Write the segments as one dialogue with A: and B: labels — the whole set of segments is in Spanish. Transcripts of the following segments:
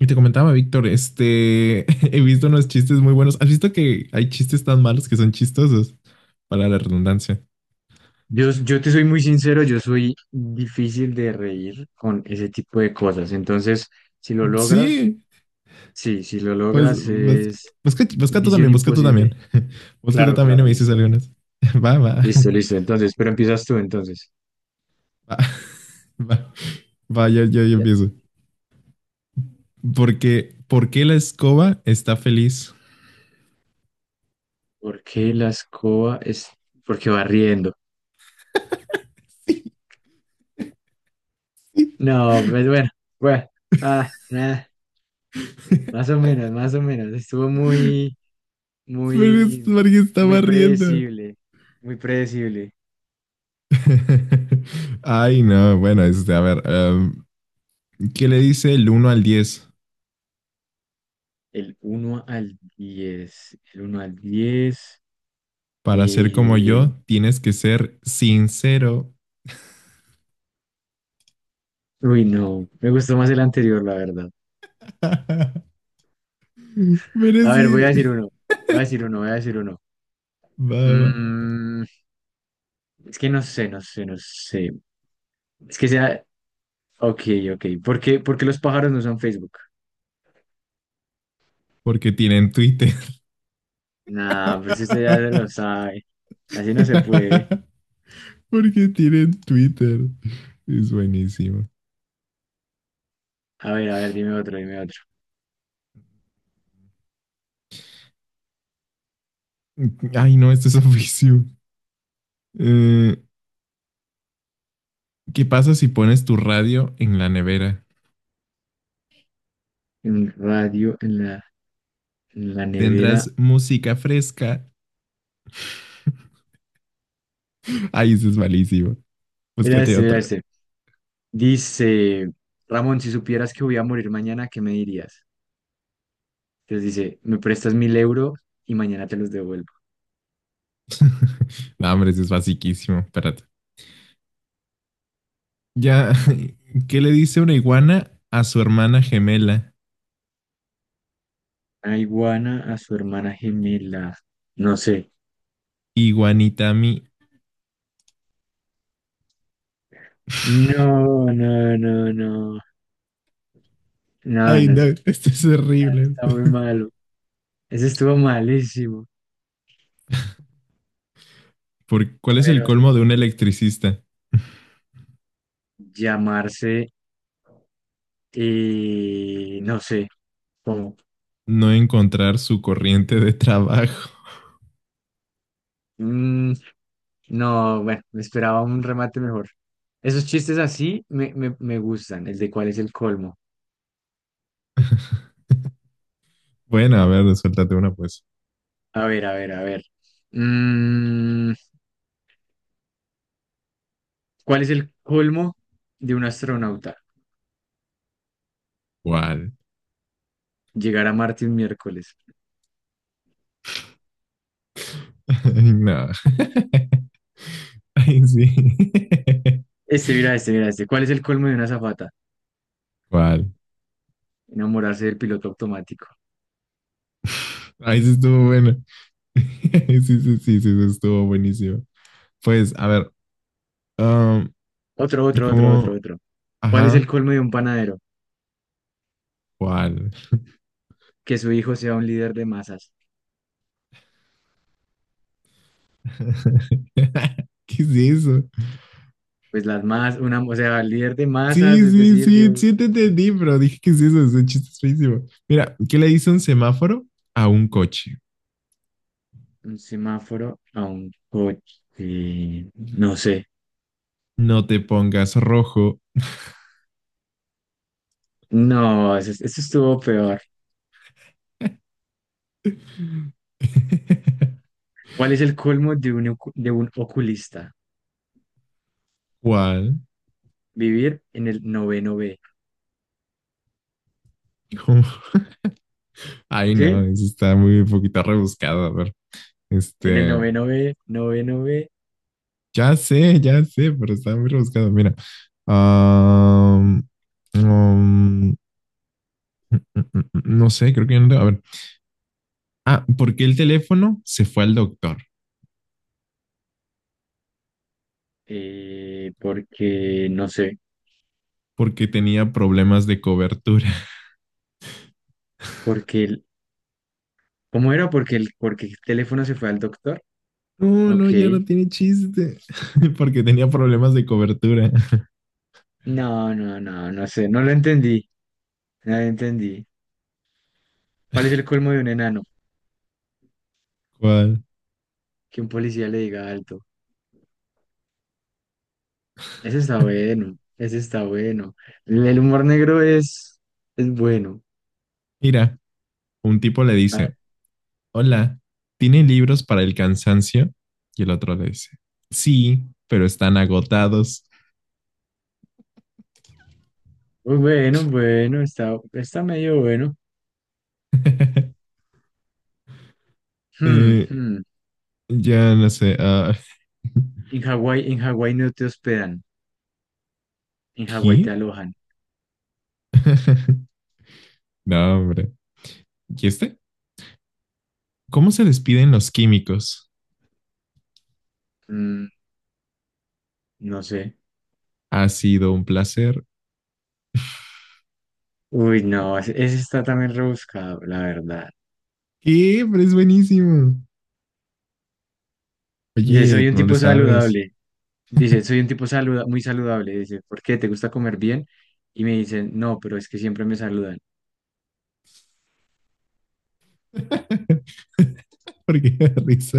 A: Y te comentaba, Víctor, he visto unos chistes muy buenos. ¿Has visto que hay chistes tan malos que son chistosos? Para la redundancia.
B: Yo te soy muy sincero, yo soy difícil de reír con ese tipo de cosas. Entonces, si lo logras,
A: Sí,
B: sí, si lo
A: pues,
B: logras
A: pues,
B: es
A: busca tú
B: misión
A: también, busca tú también.
B: imposible.
A: Busca tú
B: Claro,
A: también y
B: claro,
A: me dices
B: listo.
A: algunas. Va, va,
B: Listo, listo. Entonces, pero empiezas tú entonces.
A: va, va, va, yo
B: Ya.
A: empiezo. ¿Por qué la escoba está feliz?
B: ¿Por qué la escoba es porque va riendo? No, pues bueno, bueno, ah, más o menos, más o menos. Estuvo muy,
A: Pero es
B: muy,
A: porque
B: muy
A: estaba riendo.
B: predecible, muy predecible.
A: Ay, no, bueno, a ver, ¿qué le dice el uno al diez?
B: El uno al diez.
A: Para ser como
B: eh,
A: yo, tienes que ser sincero.
B: Uy, no. Me gustó más el anterior, la verdad.
A: Pero
B: A
A: es
B: ver, voy a decir
A: que...
B: uno. Voy a decir uno, voy a decir uno.
A: Va, va.
B: Mm, es que no sé, no sé, no sé. Es que sea. Ok, ok. ¿Por qué los pájaros no usan Facebook?
A: Porque tienen Twitter.
B: Nah, pero si usted ya se lo sabe. Así no se puede.
A: Porque tienen Twitter. Es buenísimo.
B: A ver, dime otro, dime otro.
A: Ay, no, esto es oficio. Eh, ¿Qué pasa si pones tu radio en la nevera?
B: Un radio en la nevera.
A: Tendrás música fresca. Ay, eso es malísimo.
B: Mira
A: Búscate
B: este, mira
A: otro.
B: este. Dice, Ramón, si supieras que voy a morir mañana, ¿qué me dirías? Entonces dice, me prestas 1.000 euros y mañana te los devuelvo.
A: No, hombre, eso es basiquísimo. Espérate. Ya, ¿qué le dice una iguana a su hermana gemela?
B: A iguana a su hermana gemela. No sé.
A: ¿Iguanitami?
B: No, no, no, no. No,
A: Ay,
B: no,
A: no,
B: eso
A: esto es horrible.
B: está muy malo. Eso estuvo malísimo.
A: ¿Por cuál
B: A
A: es
B: ver,
A: el
B: otro,
A: colmo de un
B: otro.
A: electricista?
B: Llamarse, no sé, cómo.
A: No encontrar su corriente de trabajo.
B: Mm, no, bueno, me esperaba un remate mejor. Esos chistes así me gustan, el de cuál es el colmo.
A: Bueno, a ver, suéltate una pues.
B: A ver, a ver, a ver. Mm, ¿Cuál es el colmo de un astronauta?
A: ¿Cuál?
B: Llegar a Marte un miércoles.
A: Ay, no. Ay, sí.
B: Este, mira, este, mira, este. ¿Cuál es el colmo de una azafata?
A: ¿Cuál?
B: Enamorarse del piloto automático.
A: Ay, sí estuvo bueno. Sí, sí, sí, sí, sí, estuvo buenísimo. Pues, a ver, um,
B: Otro, otro, otro, otro,
A: ¿cómo?
B: otro. ¿Cuál es el
A: Ajá,
B: colmo de un panadero?
A: ¿cuál?
B: Que su hijo sea un líder de masas.
A: ¿Qué es eso?
B: Pues las masas, una, o sea, líder de masas,
A: Sí,
B: es
A: sí,
B: decir, de
A: sí, sí te entendí, pero dije, ¿qué es eso? Es un chiste, es feísimo. Mira, ¿qué le dice un semáforo a un coche?
B: un semáforo a un coche. No sé.
A: No te pongas rojo.
B: No, eso estuvo peor. ¿Cuál es el colmo de un, de un oculista?
A: ¿Cuál?
B: Vivir en el noveno B.
A: ¿Cómo? Ay, no,
B: ¿Sí?
A: eso está muy un poquito rebuscado. A ver,
B: En el
A: este,
B: noveno B,
A: ya sé, pero está muy rebuscado. Mira, am, am, mm, mm, mm, no sé, creo que no. A ver, ah, ¿por qué el teléfono se fue al doctor?
B: porque no sé,
A: Porque tenía problemas de cobertura.
B: porque el, ¿cómo era? Porque el teléfono se fue al doctor.
A: No,
B: Ok.
A: no, ya no tiene chiste. Porque tenía problemas de cobertura.
B: No, no, no, no sé, no lo entendí. No lo entendí. ¿Cuál es el colmo de un enano?
A: ¿Cuál?
B: Que un policía le diga alto. Ese está bueno, ese está bueno. El humor negro es bueno.
A: Mira, un tipo le
B: Ah,
A: dice, hola, ¿tiene libros para el cansancio? Y el otro le dice, sí, pero están agotados.
B: bueno, bueno, está, está medio bueno. Hmm,
A: eh,
B: hmm.
A: ya no sé,
B: En Hawái no te hospedan, en Hawái te
A: ¿qué?
B: alojan.
A: No, hombre. ¿Y este? ¿Cómo se despiden los químicos?
B: Mm, no sé.
A: Ha sido un placer.
B: Uy, no, ese está también rebuscado, la verdad.
A: ¿Qué? Pero es buenísimo.
B: Dice,
A: Oye,
B: soy un
A: no le
B: tipo
A: sabes.
B: saludable. Dice, soy un tipo saluda muy saludable. Dice, ¿por qué? ¿Te gusta comer bien? Y me dicen, no, pero es que siempre me saludan.
A: ¿Por qué da risa?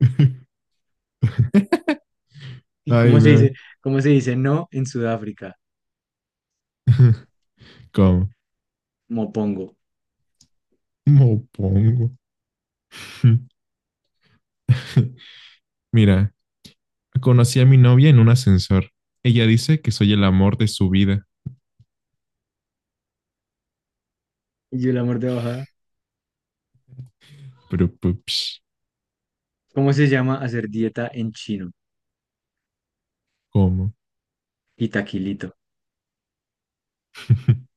B: ¿Y
A: Ay,
B: cómo se
A: no.
B: dice? ¿Cómo se dice no en Sudáfrica?
A: ¿Cómo?
B: Mopongo.
A: ¿Cómo pongo? Mira, conocí a mi novia en un ascensor. Ella dice que soy el amor de su vida.
B: Y yo el amor de bajada.
A: Pero, pues,
B: ¿Cómo se llama hacer dieta en chino?
A: ¿cómo?
B: Y taquilito.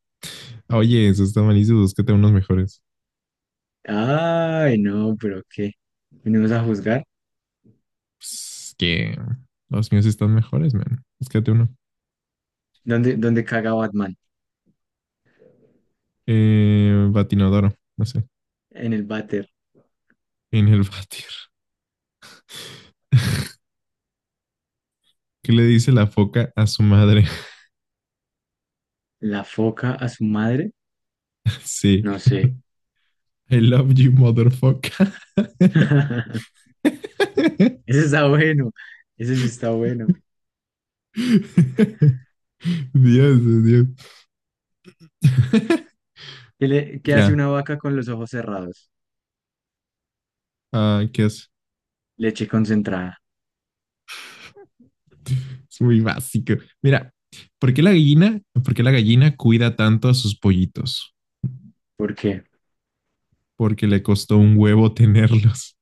A: Oye, eso está malísimo. Búscate unos mejores.
B: Ay, no, pero ¿qué? ¿Venimos a juzgar?
A: Pues, que los míos están mejores, man. Búscate uno.
B: ¿Dónde caga Batman?
A: Batinodoro, no sé.
B: En el váter.
A: En el batir. ¿Qué le dice la foca a su madre?
B: La foca a su madre,
A: Sí.
B: no sé.
A: I love you, motherfucker.
B: Ese está bueno, ese sí está bueno.
A: Dios, Dios.
B: ¿Qué, le- qué hace
A: Ya,
B: una vaca con los ojos cerrados?
A: ah, ¿qué es?
B: Leche concentrada.
A: Es muy básico. Mira, ¿por qué la gallina cuida tanto a sus pollitos?
B: ¿Por qué?
A: Porque le costó un huevo tenerlos.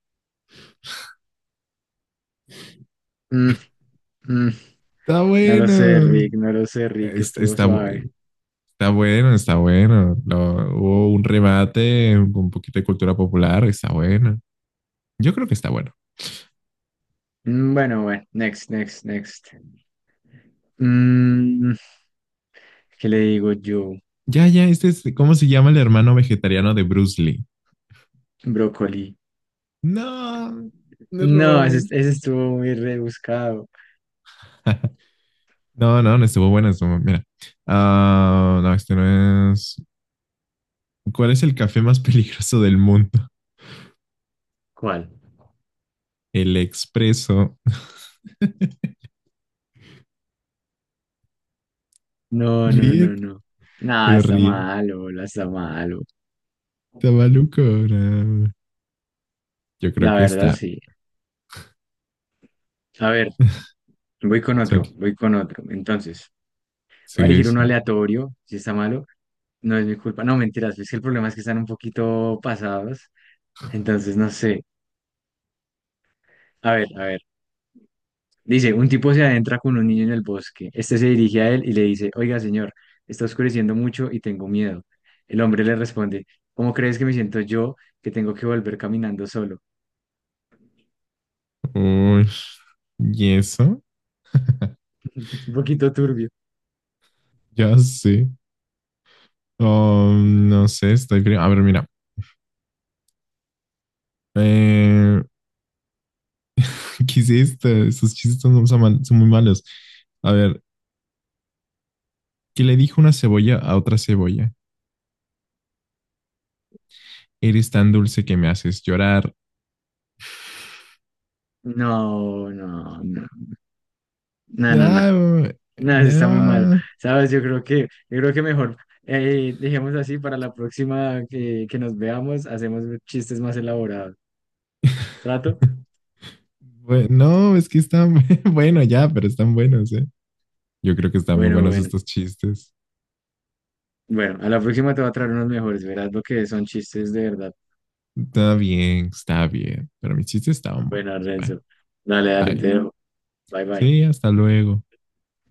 B: Mm, mm.
A: Está
B: No lo sé,
A: bueno.
B: Rick, no lo sé, Rick,
A: Está,
B: estuvo
A: está,
B: suave.
A: está bueno, está bueno. Hubo un remate con un poquito de cultura popular. Está bueno. Yo creo que está bueno.
B: Bueno, bueno, next, next, next. Mm, ¿Qué le digo yo?
A: Ya, ya, ¿cómo se llama el hermano vegetariano de Bruce Lee?
B: Brócoli.
A: No, me
B: No,
A: robaron
B: ese,
A: el.
B: ese estuvo muy rebuscado.
A: No, no, no estuvo buena. Mira. Ah, no, este no es. ¿Cuál es el café más peligroso del mundo?
B: ¿Cuál?
A: El expreso.
B: No, no,
A: Ríe,
B: no, no. Nada,
A: pero
B: está
A: ríe.
B: malo, bola, está malo.
A: Está maluco. No. Yo creo
B: La
A: que
B: verdad,
A: está.
B: sí. A ver, voy con otro,
A: Sol-
B: voy con otro. Entonces, voy a
A: Sí,
B: elegir
A: sí.
B: uno aleatorio, si está malo. No es mi culpa. No, mentiras, es que el problema es que están un poquito pasados. Entonces, no sé. A ver, a ver. Dice, un tipo se adentra con un niño en el bosque. Este se dirige a él y le dice, oiga, señor, está oscureciendo mucho y tengo miedo. El hombre le responde, ¿cómo crees que me siento yo que tengo que volver caminando solo?
A: Uy, ¿y eso?
B: Es un poquito turbio.
A: Ya sé. Oh, no sé, A ver, mira. Eh, ¿qué es esto? Esos chistes son, son muy malos. A ver, que le dijo una cebolla a otra cebolla, eres tan dulce que me haces llorar.
B: No, no, no, no, no, no,
A: Ah,
B: no, eso está muy malo,
A: no.
B: ¿sabes? yo creo que mejor, dejemos así para la próxima que nos veamos, hacemos chistes más elaborados, ¿trato?
A: Bueno, no, es que están, bueno ya, pero están buenos, ¿eh? Yo creo que están muy
B: Bueno,
A: buenos
B: bueno,
A: estos chistes.
B: bueno, a la próxima te voy a traer unos mejores, verás lo que son chistes de verdad.
A: Está bien, pero mis chistes estaban buenos.
B: Bueno,
A: Bye,
B: Renzo, dale, dale, te
A: bye.
B: dejo, bye, bye.
A: Sí, hasta luego.